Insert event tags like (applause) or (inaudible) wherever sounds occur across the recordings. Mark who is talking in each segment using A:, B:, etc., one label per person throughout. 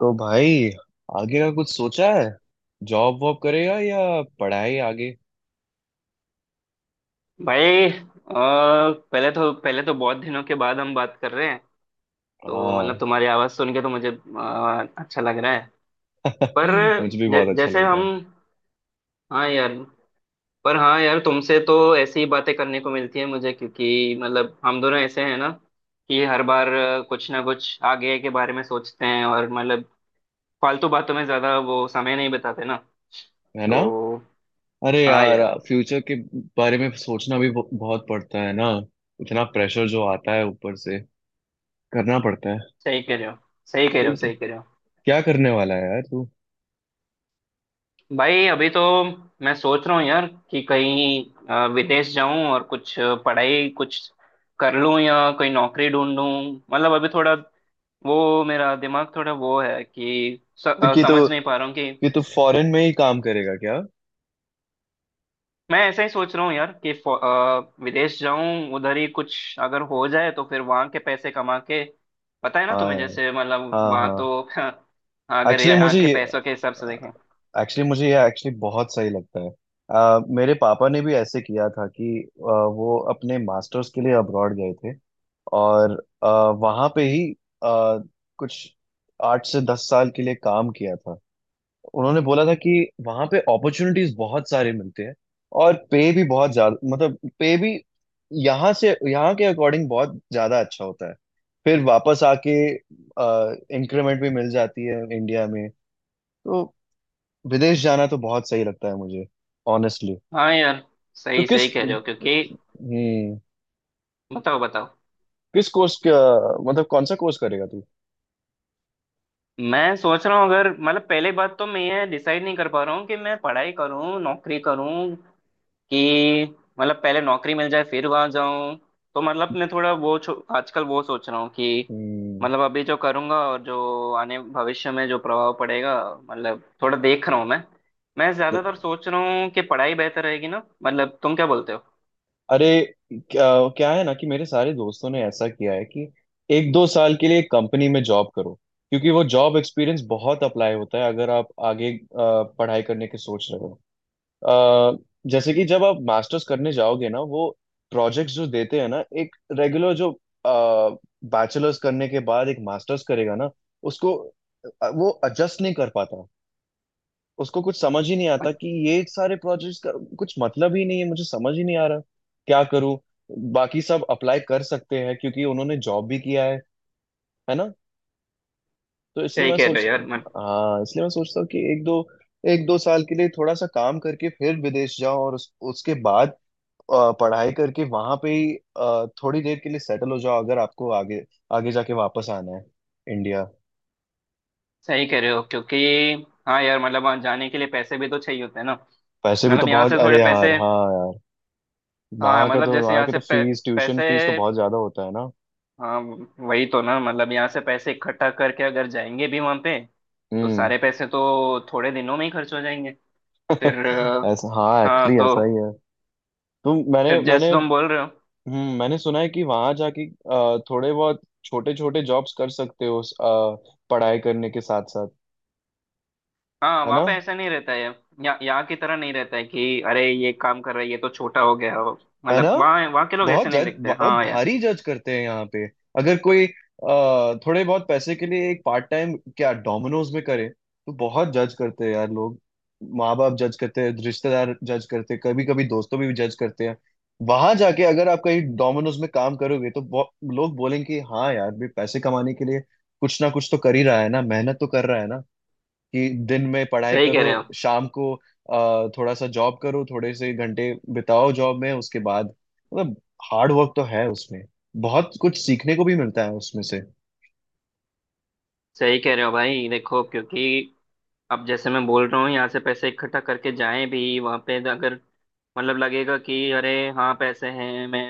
A: तो भाई, आगे का कुछ सोचा है? जॉब वॉब करेगा या पढ़ाई आगे?
B: भाई पहले तो बहुत दिनों के बाद हम बात कर रहे हैं। तो मतलब
A: हाँ।
B: तुम्हारी आवाज़ सुन के तो मुझे अच्छा लग रहा है।
A: (laughs)
B: पर
A: मुझे भी बहुत अच्छा
B: जैसे
A: लग रहा
B: हम
A: है।
B: हाँ यार। पर हाँ यार, तुमसे तो ऐसी ही बातें करने को मिलती है मुझे, क्योंकि मतलब हम दोनों ऐसे हैं ना कि हर बार कुछ ना कुछ आगे के बारे में सोचते हैं और मतलब फालतू बातों में ज़्यादा वो समय नहीं बिताते ना।
A: है ना।
B: तो
A: अरे
B: हाँ
A: यार,
B: यार।
A: फ्यूचर के बारे में सोचना भी बहुत पड़ता है ना। इतना प्रेशर जो आता है ऊपर से, करना पड़ता है।
B: सही कह रहे हो। सही कह रहे
A: तो
B: हो। सही कह रहे हो।
A: क्या करने वाला है यार तू?
B: भाई अभी तो मैं सोच रहा हूँ यार कि कहीं विदेश जाऊं और कुछ पढ़ाई कुछ कर लूं या कोई नौकरी ढूंढूं। मतलब अभी थोड़ा वो मेरा दिमाग थोड़ा वो है कि
A: तो
B: समझ नहीं पा रहा हूँ कि
A: कि तू फॉरेन में ही काम करेगा क्या?
B: मैं ऐसा ही सोच रहा हूँ यार कि विदेश जाऊं, उधर ही कुछ अगर हो जाए तो फिर वहां के पैसे कमा के पता है ना
A: हाँ
B: तुम्हें,
A: यार,
B: जैसे मतलब
A: हाँ
B: वहां
A: हाँ।
B: तो (laughs) अगर
A: एक्चुअली
B: यहाँ
A: मुझे
B: के पैसों के हिसाब से देखें।
A: एक्चुअली मुझे ये एक्चुअली बहुत सही लगता है। मेरे पापा ने भी ऐसे किया था कि वो अपने मास्टर्स के लिए अब्रॉड गए थे। और वहाँ पे ही अ, कुछ आठ से दस साल के लिए काम किया था। उन्होंने बोला था कि वहाँ पे अपॉर्चुनिटीज बहुत सारे मिलते हैं। और पे भी बहुत ज्यादा, मतलब पे भी यहाँ से, यहाँ के अकॉर्डिंग बहुत ज्यादा अच्छा होता है। फिर वापस आके इंक्रीमेंट भी मिल जाती है इंडिया में। तो विदेश जाना तो बहुत सही लगता है मुझे, ऑनेस्टली।
B: हाँ यार।
A: तो
B: सही, सही
A: किस
B: कह रहे हो क्योंकि
A: हम्म
B: बताओ बताओ।
A: किस कोर्स का, मतलब कौन सा कोर्स करेगा तू?
B: मैं सोच रहा हूँ अगर मतलब पहले बात तो मैं ये डिसाइड नहीं कर पा रहा हूँ कि मैं पढ़ाई करूँ नौकरी करूँ, कि मतलब पहले नौकरी मिल जाए फिर वहां जाऊँ। तो मतलब मैं थोड़ा वो आजकल वो सोच रहा हूँ कि
A: हम्म।
B: मतलब अभी जो करूँगा और जो आने भविष्य में जो प्रभाव पड़ेगा, मतलब थोड़ा देख रहा हूँ मैं। मैं
A: द-
B: ज्यादातर सोच रहा हूँ कि पढ़ाई बेहतर रहेगी ना, मतलब तुम क्या बोलते हो?
A: अरे, क्या है ना कि मेरे सारे दोस्तों ने ऐसा किया है कि एक दो साल के लिए कंपनी में जॉब करो, क्योंकि वो जॉब एक्सपीरियंस बहुत अप्लाई होता है अगर आप आगे पढ़ाई करने के सोच रहे हो। अ, जैसे कि जब आप मास्टर्स करने जाओगे ना, वो प्रोजेक्ट्स जो देते हैं ना, एक रेगुलर जो बैचलर्स करने के बाद एक मास्टर्स करेगा ना, उसको वो एडजस्ट नहीं कर पाता। उसको कुछ समझ ही नहीं आता कि ये सारे प्रोजेक्ट्स का कुछ मतलब ही नहीं है, मुझे समझ ही नहीं आ रहा क्या करूं। बाकी सब अप्लाई कर सकते हैं क्योंकि उन्होंने जॉब भी किया है ना। तो इसलिए
B: सही
A: मैं
B: कह
A: सोच,
B: रहे हो यार मतलब।
A: हाँ इसलिए मैं सोचता हूँ कि एक दो साल के लिए थोड़ा सा काम करके फिर विदेश जाओ और उसके बाद पढ़ाई करके वहां पे ही थोड़ी देर के लिए सेटल हो जाओ, अगर आपको आगे, आगे जाके वापस आना है इंडिया।
B: सही कह रहे हो क्योंकि हाँ यार, मतलब वहाँ जाने के लिए पैसे भी तो चाहिए होते हैं ना।
A: पैसे भी तो
B: मतलब यहाँ
A: बहुत,
B: से
A: अरे
B: थोड़े
A: यार,
B: पैसे,
A: हाँ यार।
B: हाँ
A: वहां के
B: मतलब
A: तो
B: जैसे
A: वहां
B: यहाँ
A: के
B: से
A: तो फीस, ट्यूशन
B: पैसे।
A: फीस तो बहुत ज्यादा होता है ना।
B: हाँ, वही तो ना, मतलब यहाँ से पैसे इकट्ठा करके अगर जाएंगे भी वहाँ पे तो
A: हम्म।
B: सारे पैसे तो थोड़े दिनों में ही खर्च हो जाएंगे। फिर
A: (laughs) ऐसा, हाँ
B: हाँ
A: एक्चुअली
B: तो
A: ऐसा ही है। तो मैंने
B: फिर
A: मैंने
B: जैसे तुम बोल रहे हो।
A: हम्म, मैंने सुना है कि वहां जाके थोड़े बहुत छोटे छोटे जॉब्स कर सकते हो पढ़ाई करने के साथ साथ,
B: हाँ
A: है
B: वहाँ
A: ना।
B: पे ऐसा नहीं रहता है, यहाँ यहाँ की तरह नहीं रहता है कि अरे ये काम कर रहा है ये तो छोटा हो गया हो।
A: है ना,
B: मतलब वहाँ वहाँ के लोग
A: बहुत
B: ऐसे नहीं
A: जज,
B: देखते,
A: बहुत
B: हाँ यार।
A: भारी जज करते हैं यहाँ पे। अगर कोई थोड़े बहुत पैसे के लिए एक पार्ट टाइम क्या डोमिनोज में करे, तो बहुत जज करते हैं यार लोग। माँ बाप जज करते हैं, रिश्तेदार जज करते हैं, कभी कभी दोस्तों भी जज करते हैं। वहां जाके अगर आप कहीं डोमिनोज में काम करोगे, तो लोग बोलेंगे कि हाँ यार भी पैसे कमाने के लिए कुछ ना कुछ तो कर ही रहा है ना, मेहनत तो कर रहा है ना। कि दिन में पढ़ाई
B: सही कह
A: करो,
B: रहे हो।
A: शाम को थोड़ा सा जॉब करो, थोड़े से घंटे बिताओ जॉब में, उसके बाद मतलब हार्ड वर्क तो है उसमें, बहुत कुछ सीखने को भी मिलता है उसमें से।
B: सही कह रहे हो भाई, देखो क्योंकि अब जैसे मैं बोल रहा हूँ यहाँ से पैसे इकट्ठा करके जाएं भी वहाँ पे अगर, मतलब लगेगा कि अरे हाँ पैसे हैं, मैं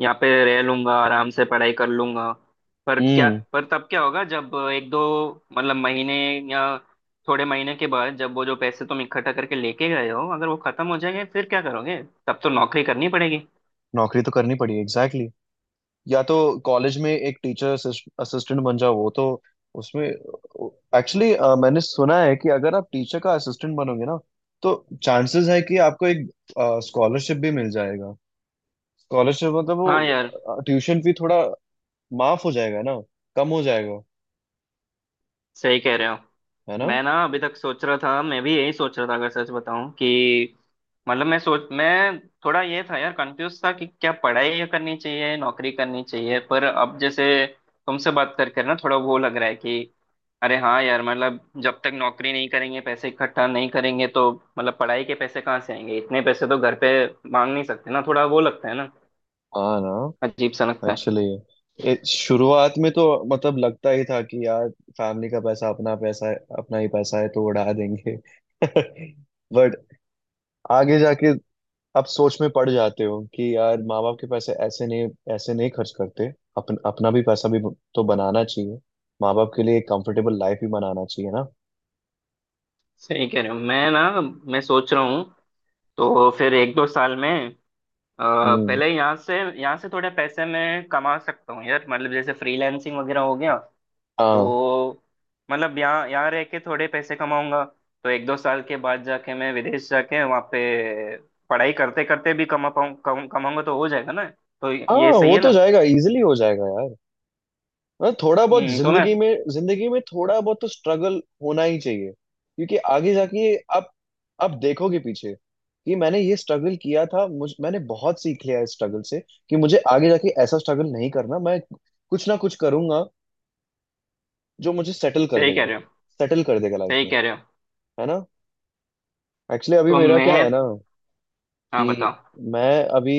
B: यहाँ पे रह लूंगा आराम से पढ़ाई कर लूंगा। पर क्या,
A: हम्म।
B: पर तब क्या होगा जब एक दो मतलब महीने या थोड़े महीने के बाद जब वो जो पैसे तुम इकट्ठा करके लेके गए हो अगर वो खत्म हो जाएंगे फिर क्या करोगे? तब तो नौकरी करनी पड़ेगी।
A: नौकरी तो करनी पड़ी, एग्जैक्टली exactly। या तो कॉलेज में एक टीचर असिस्टेंट बन जाओ, वो तो, उसमें एक्चुअली मैंने सुना है कि अगर आप टीचर का असिस्टेंट बनोगे ना, तो चांसेस है कि आपको एक स्कॉलरशिप भी मिल जाएगा। स्कॉलरशिप मतलब
B: हाँ यार,
A: वो ट्यूशन फी थोड़ा माफ हो जाएगा ना, कम हो जाएगा।
B: सही कह रहे हो।
A: है ना।
B: मैं ना अभी तक सोच रहा था, मैं भी यही सोच रहा था अगर सच बताऊं, कि मतलब मैं सोच मैं थोड़ा ये था यार, कंफ्यूज था कि क्या पढ़ाई करनी चाहिए नौकरी करनी चाहिए। पर अब जैसे तुमसे बात करके ना थोड़ा वो लग रहा है कि अरे हाँ यार, मतलब जब तक नौकरी नहीं करेंगे पैसे इकट्ठा नहीं करेंगे तो मतलब पढ़ाई के पैसे कहाँ से आएंगे? इतने पैसे तो घर पे मांग नहीं सकते ना, थोड़ा वो लगता है ना,
A: हाँ ना,
B: अजीब सा लगता है।
A: एक्चुअली शुरुआत में तो मतलब लगता ही था कि यार फैमिली का पैसा अपना पैसा है, अपना ही पैसा है, तो उड़ा देंगे। (laughs) बट आगे जाके आप सोच में पड़ जाते हो कि यार, माँ बाप के पैसे ऐसे नहीं, ऐसे नहीं खर्च करते। अपन, अपना भी पैसा भी तो बनाना चाहिए, माँ बाप के लिए एक कंफर्टेबल लाइफ भी बनाना चाहिए ना।
B: सही कह रहे हो। मैं ना मैं सोच रहा हूँ तो फिर एक दो साल में अ,
A: हम्म।
B: पहले यहाँ से, यहाँ से थोड़े पैसे मैं कमा सकता हूँ यार, मतलब जैसे फ्रीलांसिंग वगैरह हो गया
A: हाँ।
B: तो मतलब यहाँ यहाँ रह के थोड़े पैसे कमाऊंगा, तो एक दो साल के बाद जाके मैं विदेश जाके वहाँ पे पढ़ाई करते करते भी कमा पाऊँ, कमाऊंगा तो हो जाएगा ना। तो
A: हाँ
B: ये सही
A: हो
B: है ना?
A: तो जाएगा, इजिली हो जाएगा यार। हाँ थोड़ा बहुत
B: हम्म, तो मैं।
A: जिंदगी में, जिंदगी में थोड़ा बहुत तो स्ट्रगल होना ही चाहिए, क्योंकि आगे जाके आप देखोगे पीछे कि मैंने ये स्ट्रगल किया था, मुझ मैंने बहुत सीख लिया इस स्ट्रगल से, कि मुझे आगे जाके ऐसा स्ट्रगल नहीं करना, मैं कुछ ना कुछ करूंगा जो मुझे सेटल कर
B: सही कह
A: देगा,
B: रहे हो।
A: सेटल कर देगा लाइफ
B: सही
A: में।
B: कह रहे हो।
A: है ना। एक्चुअली अभी
B: तो
A: मेरा क्या
B: मैं,
A: है ना
B: हाँ
A: कि
B: बताओ।
A: मैं अभी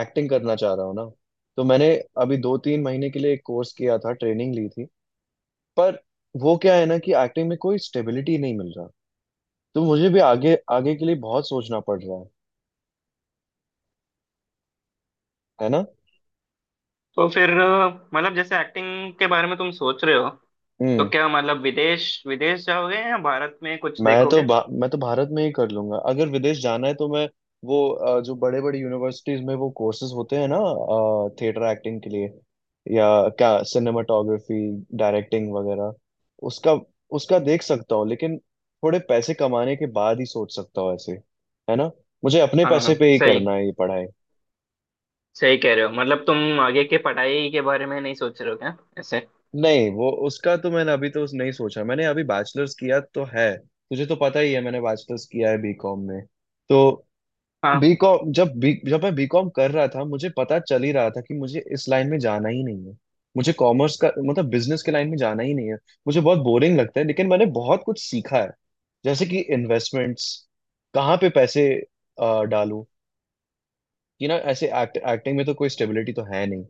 A: एक्टिंग करना चाह रहा हूँ ना। तो मैंने अभी दो तीन महीने के लिए एक कोर्स किया था, ट्रेनिंग ली थी। पर वो क्या है ना कि एक्टिंग में कोई स्टेबिलिटी नहीं मिल रहा, तो मुझे भी आगे, आगे के लिए बहुत सोचना पड़ रहा है ना।
B: तो फिर मतलब जैसे एक्टिंग के बारे में तुम सोच रहे हो, तो
A: हम्म।
B: क्या मतलब विदेश विदेश जाओगे या भारत में कुछ देखोगे?
A: मैं तो भारत में ही कर लूंगा। अगर विदेश जाना है तो मैं वो जो बड़े बड़े यूनिवर्सिटीज में वो कोर्सेज होते हैं ना, थिएटर एक्टिंग के लिए, या क्या सिनेमाटोग्राफी, डायरेक्टिंग वगैरह, उसका उसका देख सकता हूँ। लेकिन थोड़े पैसे कमाने के बाद ही सोच सकता हूँ ऐसे, है ना। मुझे अपने पैसे
B: हाँ
A: पे ही
B: सही।
A: करना है ये पढ़ाई।
B: सही कह रहे हो, मतलब तुम आगे के पढ़ाई के बारे में नहीं सोच रहे हो क्या ऐसे?
A: नहीं, वो उसका तो मैंने अभी तो उस नहीं सोचा। मैंने अभी बैचलर्स किया तो है, तुझे तो पता ही है, मैंने बैचलर्स किया है बीकॉम में। तो
B: हाँ,
A: बीकॉम, जब मैं बीकॉम कर रहा था, मुझे पता चल ही रहा था कि मुझे इस लाइन में जाना ही नहीं है। मुझे कॉमर्स का मतलब बिजनेस के लाइन में जाना ही नहीं है, मुझे बहुत बोरिंग लगता है। लेकिन मैंने बहुत कुछ सीखा है, जैसे कि इन्वेस्टमेंट्स, कहाँ पे पैसे डालूं। कि ना ऐसे एक्टिंग में तो कोई स्टेबिलिटी तो है नहीं,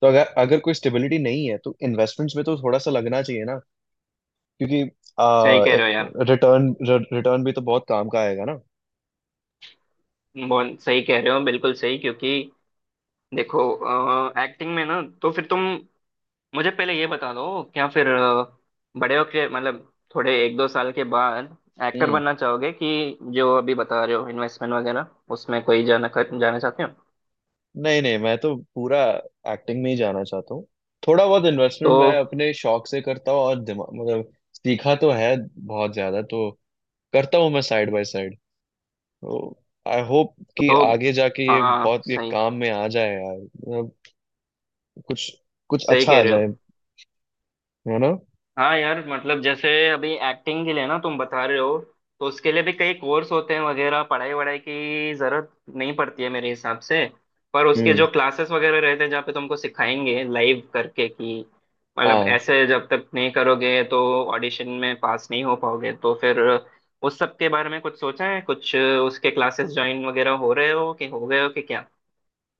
A: तो अगर, अगर कोई स्टेबिलिटी नहीं है तो इन्वेस्टमेंट्स में तो थोड़ा सा लगना चाहिए ना, क्योंकि
B: सही कह रहे हो यार।
A: रिटर्न, रिटर्न भी तो बहुत काम का आएगा ना।
B: बहुत सही कह रहे हो, बिल्कुल सही क्योंकि देखो एक्टिंग में ना, तो फिर तुम मुझे पहले ये बता दो क्या, फिर बड़े होके मतलब थोड़े एक दो साल के बाद एक्टर
A: हम्म।
B: बनना चाहोगे कि जो अभी बता रहे हो इन्वेस्टमेंट वगैरह उसमें कोई जाना जाना चाहते हो?
A: नहीं नहीं, मैं तो पूरा एक्टिंग में ही जाना चाहता हूँ। थोड़ा बहुत
B: तो
A: इन्वेस्टमेंट मैं अपने शौक से करता हूँ और दिमाग मतलब सीखा तो है, बहुत ज्यादा तो करता हूँ मैं साइड बाय साइड। तो आई होप कि
B: तो
A: आगे जाके ये
B: हाँ
A: बहुत ये
B: सही।
A: काम में आ जाए यार, मतलब कुछ, कुछ
B: सही
A: अच्छा
B: कह
A: आ
B: रहे हो।
A: जाए। है ना।
B: हाँ यार, मतलब जैसे अभी एक्टिंग के लिए ना तुम बता रहे हो, तो उसके लिए भी कई कोर्स होते हैं वगैरह, पढ़ाई वढ़ाई की जरूरत नहीं पड़ती है मेरे हिसाब से। पर उसके
A: हम्म।
B: जो क्लासेस वगैरह रहते हैं जहाँ पे तुमको सिखाएंगे लाइव करके कि मतलब
A: हाँ,
B: ऐसे जब तक नहीं करोगे तो ऑडिशन में पास नहीं हो पाओगे। तो फिर उस सब के बारे में कुछ सोचा है कुछ, उसके क्लासेस ज्वाइन वगैरह हो रहे हो कि हो गए हो कि क्या?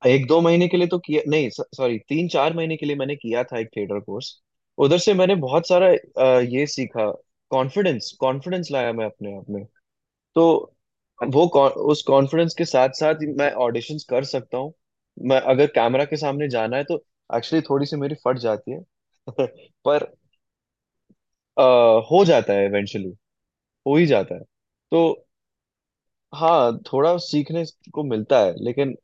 A: एक दो महीने के लिए तो किया नहीं, सॉरी, तीन चार महीने के लिए मैंने किया था एक थिएटर कोर्स। उधर से मैंने बहुत सारा ये सीखा, कॉन्फिडेंस, कॉन्फिडेंस लाया मैं अपने आप में। तो
B: अ-
A: वो उस कॉन्फिडेंस के साथ साथ मैं ऑडिशंस कर सकता हूँ। मैं अगर कैमरा के सामने जाना है तो एक्चुअली थोड़ी सी मेरी फट जाती है। (laughs) पर अ, हो जाता है इवेंचुअली, हो ही जाता है। तो हाँ, थोड़ा सीखने को मिलता है लेकिन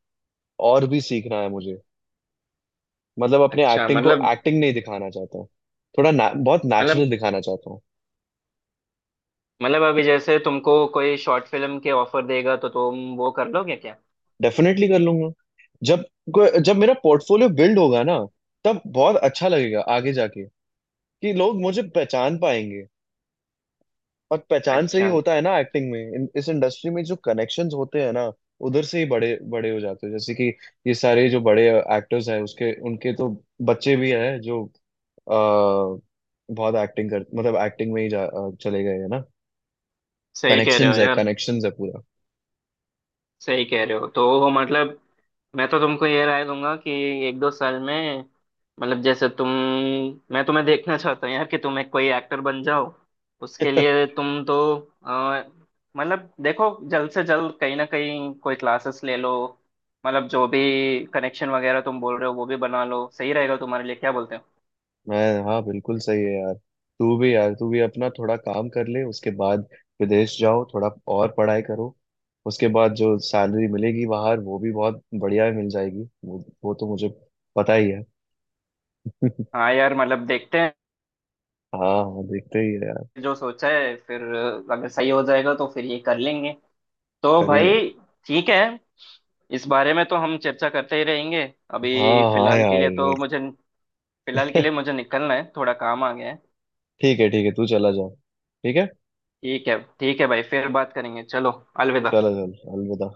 A: और भी सीखना है मुझे, मतलब अपने
B: अच्छा
A: एक्टिंग को
B: मतलब।
A: एक्टिंग नहीं दिखाना चाहता हूँ, बहुत
B: मतलब
A: नेचुरल दिखाना चाहता हूँ।
B: मतलब अभी जैसे तुमको कोई शॉर्ट फिल्म के ऑफर देगा तो तुम वो कर लोगे क्या?
A: डेफिनेटली कर लूंगा। जब जब मेरा पोर्टफोलियो बिल्ड होगा ना, तब बहुत अच्छा लगेगा आगे जाके, कि लोग मुझे पहचान पाएंगे। और पहचान से ही
B: अच्छा
A: होता है ना एक्टिंग में, इस इंडस्ट्री में जो कनेक्शंस होते हैं ना, उधर से ही बड़े बड़े हो जाते हैं। जैसे कि ये सारे जो बड़े एक्टर्स हैं, उसके उनके तो बच्चे भी हैं जो बहुत एक्टिंग कर मतलब एक्टिंग में ही चले गए हैं ना।
B: सही कह रहे हो
A: कनेक्शंस है,
B: यार।
A: कनेक्शंस है पूरा।
B: सही कह रहे हो, तो वो मतलब मैं तो तुमको ये राय दूंगा कि एक दो साल में मतलब जैसे तुम, मैं तुम्हें देखना चाहता हूँ यार कि तुम एक कोई एक्टर बन जाओ। उसके लिए तुम तो अ, मतलब देखो, जल्द से जल्द कहीं ना कहीं कोई क्लासेस ले लो, मतलब जो भी कनेक्शन वगैरह तुम बोल रहे हो वो भी बना लो, सही रहेगा तुम्हारे लिए, क्या बोलते हो?
A: मैं, हाँ बिल्कुल सही है यार। तू भी यार, तू भी अपना थोड़ा काम कर ले, उसके बाद विदेश जाओ थोड़ा, और पढ़ाई करो। उसके बाद जो सैलरी मिलेगी बाहर वो भी बहुत बढ़िया मिल जाएगी, वो तो मुझे पता ही है। (laughs)
B: हाँ यार, मतलब देखते हैं,
A: हाँ हाँ, देखते ही है यार,
B: जो सोचा है फिर अगर सही हो जाएगा तो फिर ये कर लेंगे। तो
A: कर ही
B: भाई
A: लेंगे।
B: ठीक है, इस बारे में तो हम चर्चा करते ही रहेंगे।
A: हाँ
B: अभी
A: हाँ
B: फिलहाल के लिए तो
A: यार।
B: मुझे, फिलहाल के लिए
A: (laughs)
B: मुझे निकलना है, थोड़ा काम आ गया है।
A: ठीक है ठीक है, तू चला जा। ठीक है,
B: ठीक है, ठीक है भाई, फिर बात करेंगे। चलो, अलविदा।
A: चलो चल, अलविदा।